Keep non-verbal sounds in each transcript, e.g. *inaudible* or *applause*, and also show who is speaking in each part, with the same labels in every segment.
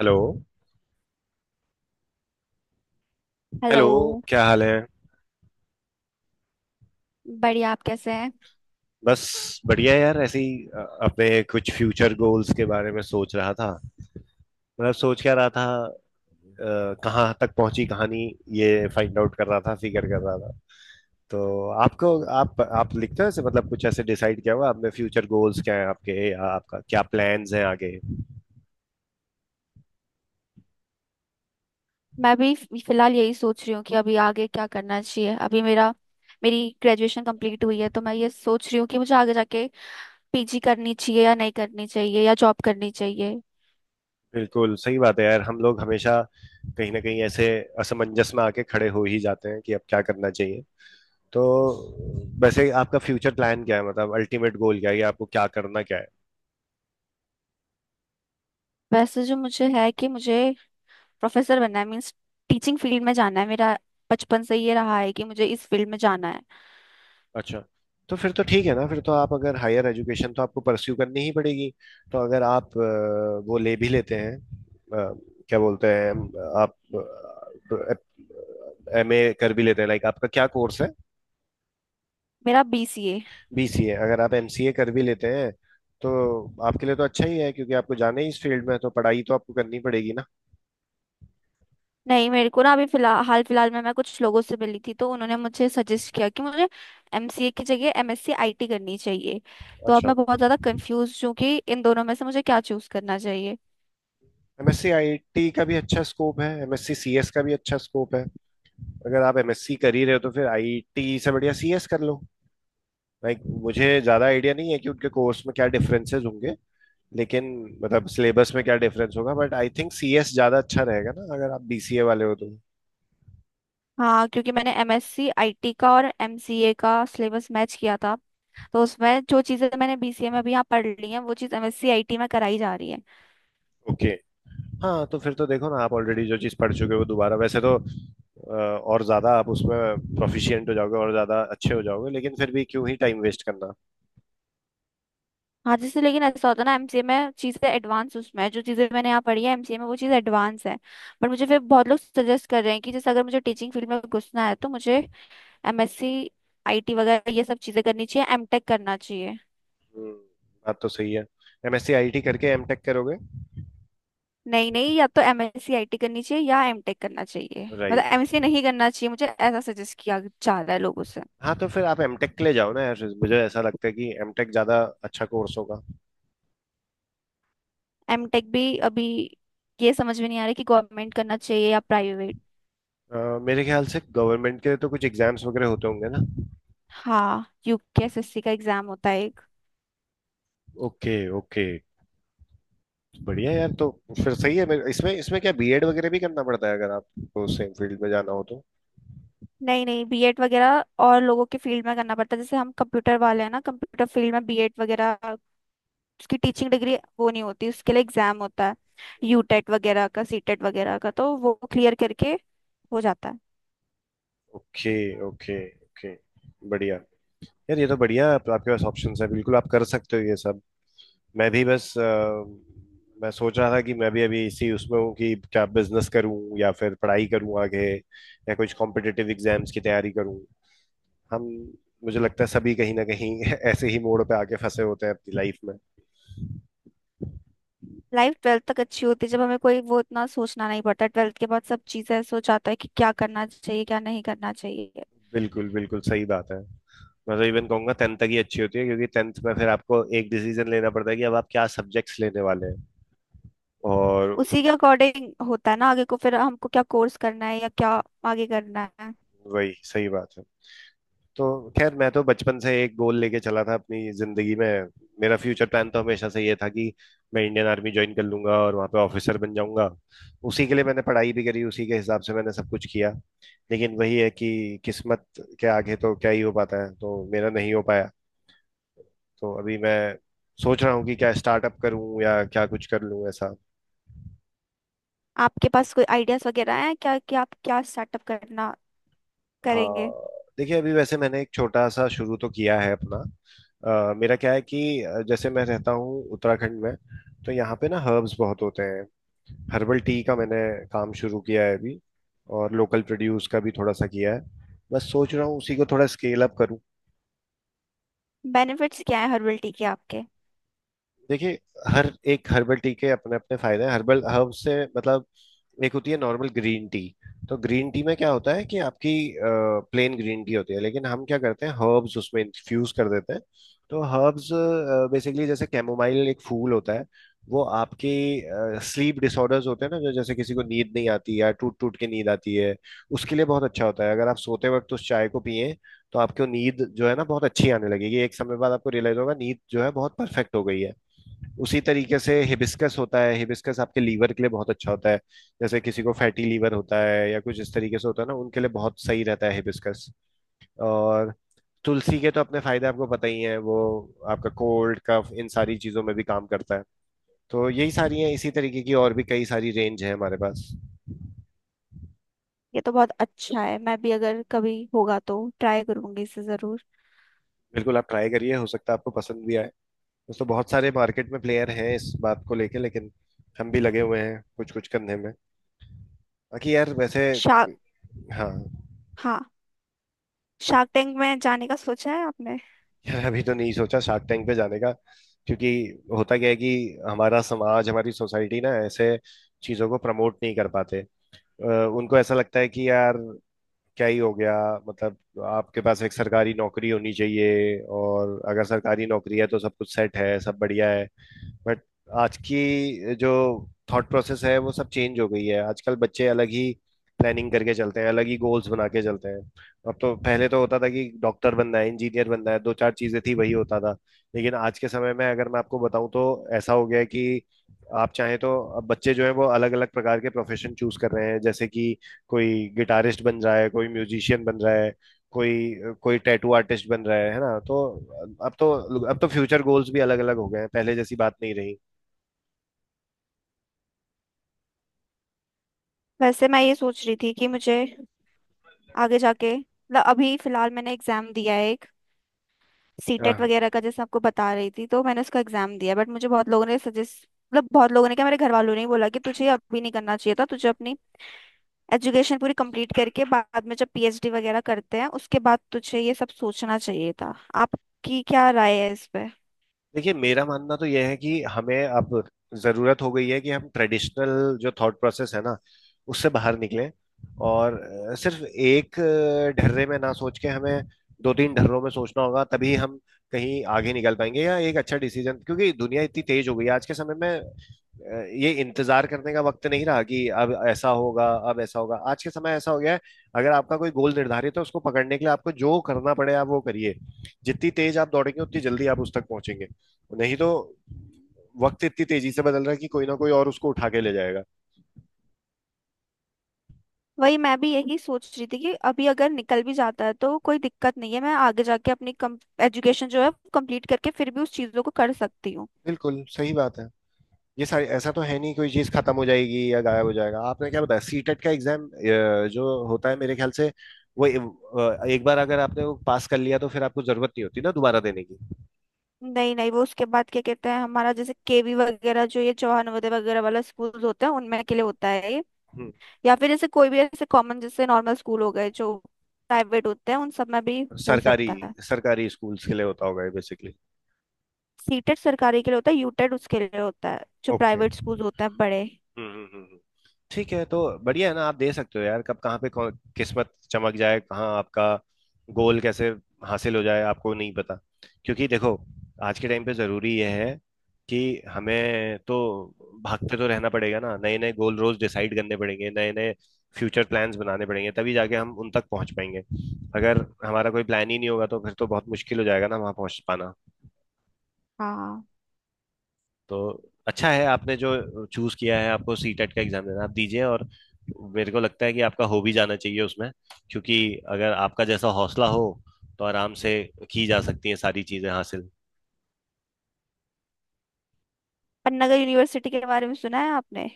Speaker 1: Hello.
Speaker 2: Hello.
Speaker 1: Hello. क्या हाल है?
Speaker 2: बढ़िया। आप कैसे हैं।
Speaker 1: बस। बढ़िया है यार, ऐसे ही अपने कुछ फ्यूचर गोल्स के बारे में सोच रहा था। मतलब सोच क्या रहा था, कहाँ तक पहुंची कहानी, ये फाइंड आउट कर रहा था, फिगर कर रहा था। तो आपको, आप लिखते हो ऐसे, मतलब कुछ ऐसे डिसाइड किया हुआ आपने फ्यूचर गोल्स क्या है आपके, या आपका क्या प्लान्स हैं आगे?
Speaker 2: मैं भी फिलहाल यही सोच रही हूँ कि अभी आगे क्या करना चाहिए। अभी मेरा मेरी ग्रेजुएशन कंप्लीट हुई है, तो मैं ये सोच रही हूँ कि मुझे आगे जाके पीजी करनी चाहिए या नहीं करनी चाहिए या जॉब करनी चाहिए।
Speaker 1: बिल्कुल सही बात है यार, हम लोग हमेशा कहीं ना कहीं ऐसे असमंजस में आके खड़े हो ही जाते हैं कि अब क्या करना चाहिए। तो वैसे आपका फ्यूचर प्लान क्या है, मतलब अल्टीमेट गोल क्या है, या आपको क्या करना क्या है?
Speaker 2: वैसे जो मुझे है कि मुझे प्रोफेसर बनना है। मीन्स टीचिंग फील्ड में जाना है। मेरा बचपन से ये रहा है कि मुझे इस फील्ड में जाना है।
Speaker 1: अच्छा। तो फिर तो ठीक है ना, फिर तो आप अगर हायर एजुकेशन, तो आपको परस्यू करनी ही पड़ेगी। तो अगर आप वो ले भी लेते हैं, क्या बोलते हैं, आप एमए कर भी लेते हैं, लाइक आपका क्या कोर्स है?
Speaker 2: मेरा बीसीए।
Speaker 1: बीसीए? अगर आप एमसीए कर भी लेते हैं तो आपके लिए तो अच्छा ही है, क्योंकि आपको जाना ही इस फील्ड में है, तो पढ़ाई तो आपको करनी पड़ेगी ना।
Speaker 2: नहीं, मेरे को ना अभी फिलहाल, हाल फिलहाल में मैं कुछ लोगों से मिली थी, तो उन्होंने मुझे सजेस्ट किया कि मुझे एमसीए की जगह एमएससी आईटी करनी चाहिए। तो अब
Speaker 1: अच्छा।
Speaker 2: मैं बहुत ज़्यादा कंफ्यूज हूँ कि इन दोनों में से मुझे क्या चूज़ करना चाहिए।
Speaker 1: एमएससी आईटी का भी अच्छा स्कोप है, एमएससी सीएस का भी अच्छा स्कोप है। अगर आप एमएससी कर ही रहे हो तो फिर आईटी से बढ़िया सीएस कर लो। लाइक मुझे ज्यादा आइडिया नहीं है कि उनके कोर्स में क्या डिफरेंसेस होंगे, लेकिन मतलब सिलेबस में क्या डिफरेंस होगा, बट आई थिंक सीएस ज्यादा अच्छा रहेगा ना अगर आप बीसीए वाले हो तो।
Speaker 2: हाँ, क्योंकि मैंने एमएससी आईटी का और एमसीए का सिलेबस मैच किया था, तो उसमें जो चीज़ें मैंने बीसीए में अभी यहाँ पढ़ ली हैं वो चीज़ एमएससी आईटी में कराई जा रही है।
Speaker 1: Okay okay। हाँ, तो फिर तो देखो ना, आप ऑलरेडी जो चीज पढ़ चुके हो वो दोबारा, वैसे तो और ज्यादा आप उसमें प्रोफिशिएंट हो जाओगे और ज्यादा अच्छे हो जाओगे, लेकिन फिर भी क्यों ही टाइम वेस्ट करना।
Speaker 2: हाँ, जैसे लेकिन ऐसा होता है ना, एमसीए में चीजें एडवांस उसमें है, जो चीजें मैंने यहाँ पढ़ी है एमसीए में वो चीज़ एडवांस है। बट मुझे फिर बहुत लोग सजेस्ट कर रहे हैं कि जैसे अगर मुझे टीचिंग फील्ड में घुसना है तो मुझे एमएससी आईटी वगैरह ये सब चीजें करनी चाहिए, एमटेक करना चाहिए।
Speaker 1: हम्म, बात तो सही है। एमएससी आईटी करके एमटेक करोगे?
Speaker 2: नहीं नहीं, या तो एमएससी आईटी करनी चाहिए या एमटेक करना चाहिए। मतलब
Speaker 1: राइट।
Speaker 2: एमएससी नहीं करना चाहिए मुझे, ऐसा सजेस्ट किया जा रहा है लोगों से।
Speaker 1: हाँ, तो फिर आप एमटेक के लिए जाओ ना यार, मुझे ऐसा लगता है कि एमटेक ज्यादा अच्छा कोर्स होगा।
Speaker 2: एमटेक भी अभी ये समझ में नहीं आ रहा कि गवर्नमेंट करना चाहिए या प्राइवेट।
Speaker 1: मेरे ख्याल से गवर्नमेंट के लिए तो कुछ एग्जाम्स वगैरह होते होंगे ना।
Speaker 2: हाँ, यूकेएसएससी का एग्जाम होता है।
Speaker 1: Okay okay. बढ़िया यार। तो फिर सही है। इसमें इसमें क्या बीएड वगैरह भी करना पड़ता है अगर आपको सेम फील्ड में जाना हो तो?
Speaker 2: नहीं नहीं, बीएड वगैरह और लोगों के फील्ड में करना पड़ता है। जैसे हम कंप्यूटर वाले हैं ना, कंप्यूटर फील्ड में बीएड वगैरह उसकी टीचिंग डिग्री वो नहीं होती। उसके लिए एग्जाम होता है, यूटेट वगैरह का, सीटेट वगैरह का, तो वो क्लियर करके हो जाता है।
Speaker 1: ओके। ओके। ओके। बढ़िया यार, ये तो बढ़िया, आपके पास ऑप्शंस है, बिल्कुल आप कर सकते हो ये सब। मैं भी बस मैं सोच रहा था कि मैं भी अभी इसी उसमें हूँ कि क्या बिजनेस करूँ या फिर पढ़ाई करूँ आगे, या कुछ कॉम्पिटिटिव एग्जाम्स की तैयारी करूँ। हम। मुझे लगता है सभी कहीं ना कहीं *laughs* ऐसे ही मोड़ पे आके फंसे होते हैं अपनी लाइफ में।
Speaker 2: लाइफ 12th तक अच्छी होती है, जब हमें कोई वो इतना सोचना नहीं पड़ता। 12th के बाद सब चीजें सोच आता है कि क्या करना चाहिए क्या नहीं करना चाहिए।
Speaker 1: बिल्कुल बिल्कुल सही बात है। मैं तो इवन कहूंगा टेंथ तक ही अच्छी होती है, क्योंकि टेंथ में फिर आपको एक डिसीजन लेना पड़ता है कि अब आप क्या सब्जेक्ट्स लेने वाले हैं और
Speaker 2: उसी के अकॉर्डिंग होता है ना आगे को, फिर हमको क्या कोर्स करना है या क्या आगे करना है।
Speaker 1: वही सही बात है। तो खैर मैं तो बचपन से एक गोल लेके चला था अपनी जिंदगी में। मेरा फ्यूचर प्लान तो हमेशा से ये था कि मैं इंडियन आर्मी ज्वाइन कर लूंगा और वहां पे ऑफिसर बन जाऊंगा। उसी के लिए मैंने पढ़ाई भी करी, उसी के हिसाब से मैंने सब कुछ किया, लेकिन वही है कि किस्मत के आगे तो क्या ही हो पाता है, तो मेरा नहीं हो पाया। तो अभी मैं सोच रहा हूँ कि क्या स्टार्टअप करूँ या क्या कुछ कर लूँ ऐसा।
Speaker 2: आपके पास कोई आइडियाज वगैरह हैं क्या कि आप क्या स्टार्टअप करना करेंगे
Speaker 1: हाँ, देखिए अभी वैसे मैंने एक छोटा सा शुरू तो किया है अपना। मेरा क्या है कि जैसे मैं रहता हूँ उत्तराखंड में, तो यहाँ पे ना हर्ब्स बहुत होते हैं। हर्बल टी का मैंने काम शुरू किया है अभी, और लोकल प्रोड्यूस का भी थोड़ा सा किया है। बस सोच रहा हूँ उसी को थोड़ा स्केल अप करूँ।
Speaker 2: बेनिफिट्स क्या है हर्बल टी के आपके।
Speaker 1: देखिए, हर एक हर्बल टी के अपने अपने फायदे हैं, हर्बल हर्ब से मतलब, एक होती है नॉर्मल ग्रीन टी। तो ग्रीन टी में क्या होता है कि आपकी प्लेन ग्रीन टी होती है, लेकिन हम क्या करते हैं हर्ब्स उसमें इन्फ्यूज कर देते हैं। तो हर्ब्स बेसिकली, जैसे कैमोमाइल एक फूल होता है, वो आपकी स्लीप डिसऑर्डर्स होते हैं ना, जो जैसे किसी को नींद नहीं आती या टूट टूट के नींद आती है, उसके लिए बहुत अच्छा होता है अगर आप सोते वक्त उस चाय को पिए। तो आपको नींद जो है ना बहुत अच्छी आने लगेगी, एक समय बाद आपको रियलाइज होगा नींद जो है बहुत परफेक्ट हो गई है। उसी तरीके से हिबिस्कस होता है, हिबिस्कस आपके लीवर के लिए बहुत अच्छा होता है। जैसे किसी को फैटी लीवर होता है या कुछ इस तरीके से होता है ना, उनके लिए बहुत सही रहता है हिबिस्कस। और तुलसी के तो अपने फायदे आपको पता ही है, वो आपका कोल्ड कफ इन सारी चीजों में भी काम करता है। तो यही सारी है, इसी तरीके की और भी कई सारी रेंज है हमारे पास।
Speaker 2: ये तो बहुत अच्छा है, मैं भी अगर कभी होगा तो ट्राई करूंगी इसे जरूर।
Speaker 1: बिल्कुल आप ट्राई करिए, हो सकता है आपको पसंद भी आए। दोस्तों बहुत सारे मार्केट में प्लेयर हैं इस बात को लेके, लेकिन हम भी लगे हुए हैं कुछ कुछ करने में। बाकी यार वैसे।
Speaker 2: शार्क
Speaker 1: हाँ।
Speaker 2: हाँ, शार्क टैंक में जाने का सोचा है आपने।
Speaker 1: यार अभी तो नहीं सोचा शार्क टैंक पे जाने का, क्योंकि होता क्या है कि हमारा समाज, हमारी सोसाइटी ना ऐसे चीजों को प्रमोट नहीं कर पाते। अ, उनको ऐसा लगता है कि यार क्या ही हो गया, मतलब आपके पास एक सरकारी नौकरी होनी चाहिए और अगर सरकारी नौकरी है तो सब कुछ सेट है, सब बढ़िया है। बट आज की जो थॉट प्रोसेस है वो सब चेंज हो गई है, आजकल बच्चे अलग ही प्लानिंग करके चलते हैं, अलग ही गोल्स बना के चलते हैं। अब तो पहले तो होता था कि डॉक्टर बनना है, इंजीनियर बनना है, दो चार चीजें थी वही होता था। लेकिन आज के समय में अगर मैं आपको बताऊं तो ऐसा हो गया है कि आप चाहें तो, अब बच्चे जो है वो अलग अलग प्रकार के प्रोफेशन चूज कर रहे हैं, जैसे कि कोई गिटारिस्ट बन रहा है, कोई म्यूजिशियन बन रहा है, कोई कोई टैटू आर्टिस्ट बन रहा है ना? तो अब तो, अब तो फ्यूचर गोल्स भी अलग अलग हो गए हैं, पहले जैसी बात नहीं रही।
Speaker 2: वैसे मैं ये सोच रही थी कि मुझे आगे जाके, मतलब अभी फिलहाल मैंने एग्जाम दिया है, सीटेट
Speaker 1: हाँ
Speaker 2: वगैरह का, जैसे आपको बता रही थी, तो मैंने उसका एग्जाम दिया। बट मुझे बहुत लोगों ने सजेस्ट, मतलब बहुत लोगों ने क्या, मेरे घर वालों ने ही बोला कि तुझे अभी नहीं करना चाहिए था, तुझे अपनी एजुकेशन पूरी कंप्लीट करके बाद में जब पीएचडी वगैरह करते हैं उसके बाद तुझे ये सब सोचना चाहिए था। आपकी क्या राय है इस पे।
Speaker 1: देखिए मेरा मानना तो यह है कि हमें अब जरूरत हो गई है कि हम ट्रेडिशनल जो थॉट प्रोसेस है ना उससे बाहर निकलें। और सिर्फ एक ढर्रे में ना सोच के हमें दो तीन ढर्रों में सोचना होगा, तभी हम कहीं आगे निकल पाएंगे या एक अच्छा डिसीजन। क्योंकि दुनिया इतनी तेज हो गई है आज के समय में, ये इंतजार करने का वक्त नहीं रहा कि अब ऐसा होगा अब ऐसा होगा, आज के समय ऐसा हो गया है अगर आपका कोई गोल निर्धारित है उसको पकड़ने के लिए आपको जो करना पड़े आप वो करिए। जितनी तेज आप दौड़ेंगे उतनी जल्दी आप उस तक पहुंचेंगे, नहीं तो वक्त इतनी तेजी से बदल रहा है कि कोई ना कोई और उसको उठा के ले जाएगा।
Speaker 2: वही मैं भी यही सोच रही थी कि अभी अगर निकल भी जाता है तो कोई दिक्कत नहीं है, मैं आगे जाके अपनी एजुकेशन जो है कंप्लीट करके फिर भी उस चीज़ों को कर सकती हूँ।
Speaker 1: बिल्कुल सही बात है। ये सारी ऐसा तो है नहीं कोई चीज खत्म हो जाएगी या गायब हो जाएगा। आपने क्या बताया, सीटेट का एग्जाम जो होता है, मेरे ख्याल से वो एक बार अगर आपने वो पास कर लिया तो फिर आपको जरूरत नहीं होती ना दोबारा देने की।
Speaker 2: नहीं नहीं, वो उसके बाद क्या कहते हैं हमारा, जैसे केवी वगैरह जो ये चौहान नवोदय वगैरह वाला स्कूल होता है उनमें के लिए होता है ये।
Speaker 1: हम्म।
Speaker 2: या फिर जैसे कोई भी ऐसे कॉमन, जैसे नॉर्मल स्कूल हो गए जो प्राइवेट होते हैं उन सब में भी हो
Speaker 1: सरकारी
Speaker 2: सकता है।
Speaker 1: सरकारी स्कूल्स के लिए होता होगा ये बेसिकली।
Speaker 2: सीटेट सरकारी के लिए होता है, यूटेट उसके लिए होता है जो
Speaker 1: ओके।
Speaker 2: प्राइवेट स्कूल होते हैं बड़े।
Speaker 1: हम्म हम्म हम्म, हम्म। ठीक है, तो बढ़िया है ना, आप दे सकते हो यार। कब कहाँ पे किस्मत चमक जाए, कहाँ आपका गोल कैसे हासिल हो जाए, आपको नहीं पता। क्योंकि देखो आज के टाइम पे जरूरी यह है कि हमें तो भागते तो रहना पड़ेगा ना, नए नए गोल रोज डिसाइड करने पड़ेंगे, नए नए फ्यूचर प्लान्स बनाने पड़ेंगे, तभी जाके हम उन तक पहुंच पाएंगे। अगर हमारा कोई प्लान ही नहीं होगा तो फिर तो बहुत मुश्किल हो जाएगा ना वहां पहुंच पाना।
Speaker 2: हाँ।
Speaker 1: तो अच्छा है आपने जो चूज किया है, आपको सीटेट का एग्जाम देना है, आप दीजिए। और मेरे को लगता है कि आपका हो भी जाना चाहिए उसमें, क्योंकि अगर आपका जैसा हौसला हो तो आराम से की जा सकती हैं सारी चीजें हासिल।
Speaker 2: पन्नागर यूनिवर्सिटी के बारे में सुना है आपने।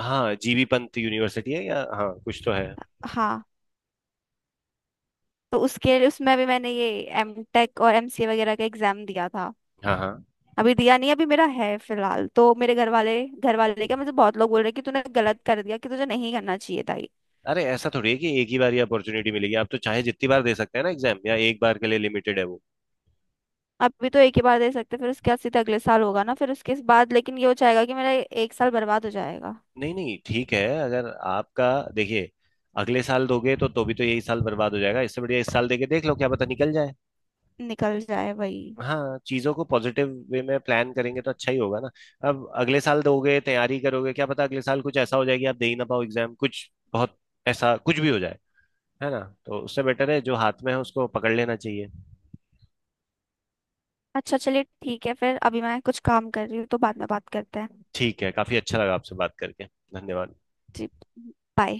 Speaker 1: हाँ जीबी पंत यूनिवर्सिटी है, या हाँ कुछ तो है।
Speaker 2: हाँ, तो उसके लिए उसमें भी मैंने ये एमटेक और एमसीए वगैरह का एग्जाम दिया था।
Speaker 1: हाँ हाँ।
Speaker 2: अभी दिया नहीं, अभी मेरा है फिलहाल, तो मेरे घर वाले क्या, मुझे बहुत लोग बोल रहे हैं कि तूने गलत कर दिया कि तुझे नहीं करना चाहिए था ये।
Speaker 1: अरे ऐसा थोड़ी है कि एक ही बार ही अपॉर्चुनिटी मिलेगी, आप तो चाहे जितनी बार दे सकते हैं ना एग्जाम, या एक बार के लिए लिमिटेड है वो?
Speaker 2: अभी तो एक ही बार दे सकते, फिर उसके बाद सीधा अगले साल होगा ना, फिर उसके बाद लेकिन ये हो जाएगा कि मेरा एक साल बर्बाद हो जाएगा।
Speaker 1: नहीं नहीं ठीक है, अगर आपका देखिए अगले साल दोगे तो भी तो यही साल बर्बाद हो जाएगा, इससे बढ़िया इस साल देके देख लो क्या पता निकल जाए।
Speaker 2: निकल जाए, वही।
Speaker 1: हाँ चीजों को पॉजिटिव वे में प्लान करेंगे तो अच्छा ही होगा ना। अब अगले साल दोगे तैयारी करोगे, क्या पता अगले साल कुछ ऐसा हो जाए कि आप दे ही ना पाओ एग्जाम, कुछ बहुत ऐसा कुछ भी हो जाए, है ना? तो उससे बेटर है जो हाथ में है उसको पकड़ लेना चाहिए।
Speaker 2: अच्छा, चलिए, ठीक है फिर। अभी मैं कुछ काम कर रही हूँ तो बाद में बात करते हैं।
Speaker 1: ठीक है, काफी अच्छा लगा आपसे बात करके। धन्यवाद।
Speaker 2: जी। बाय।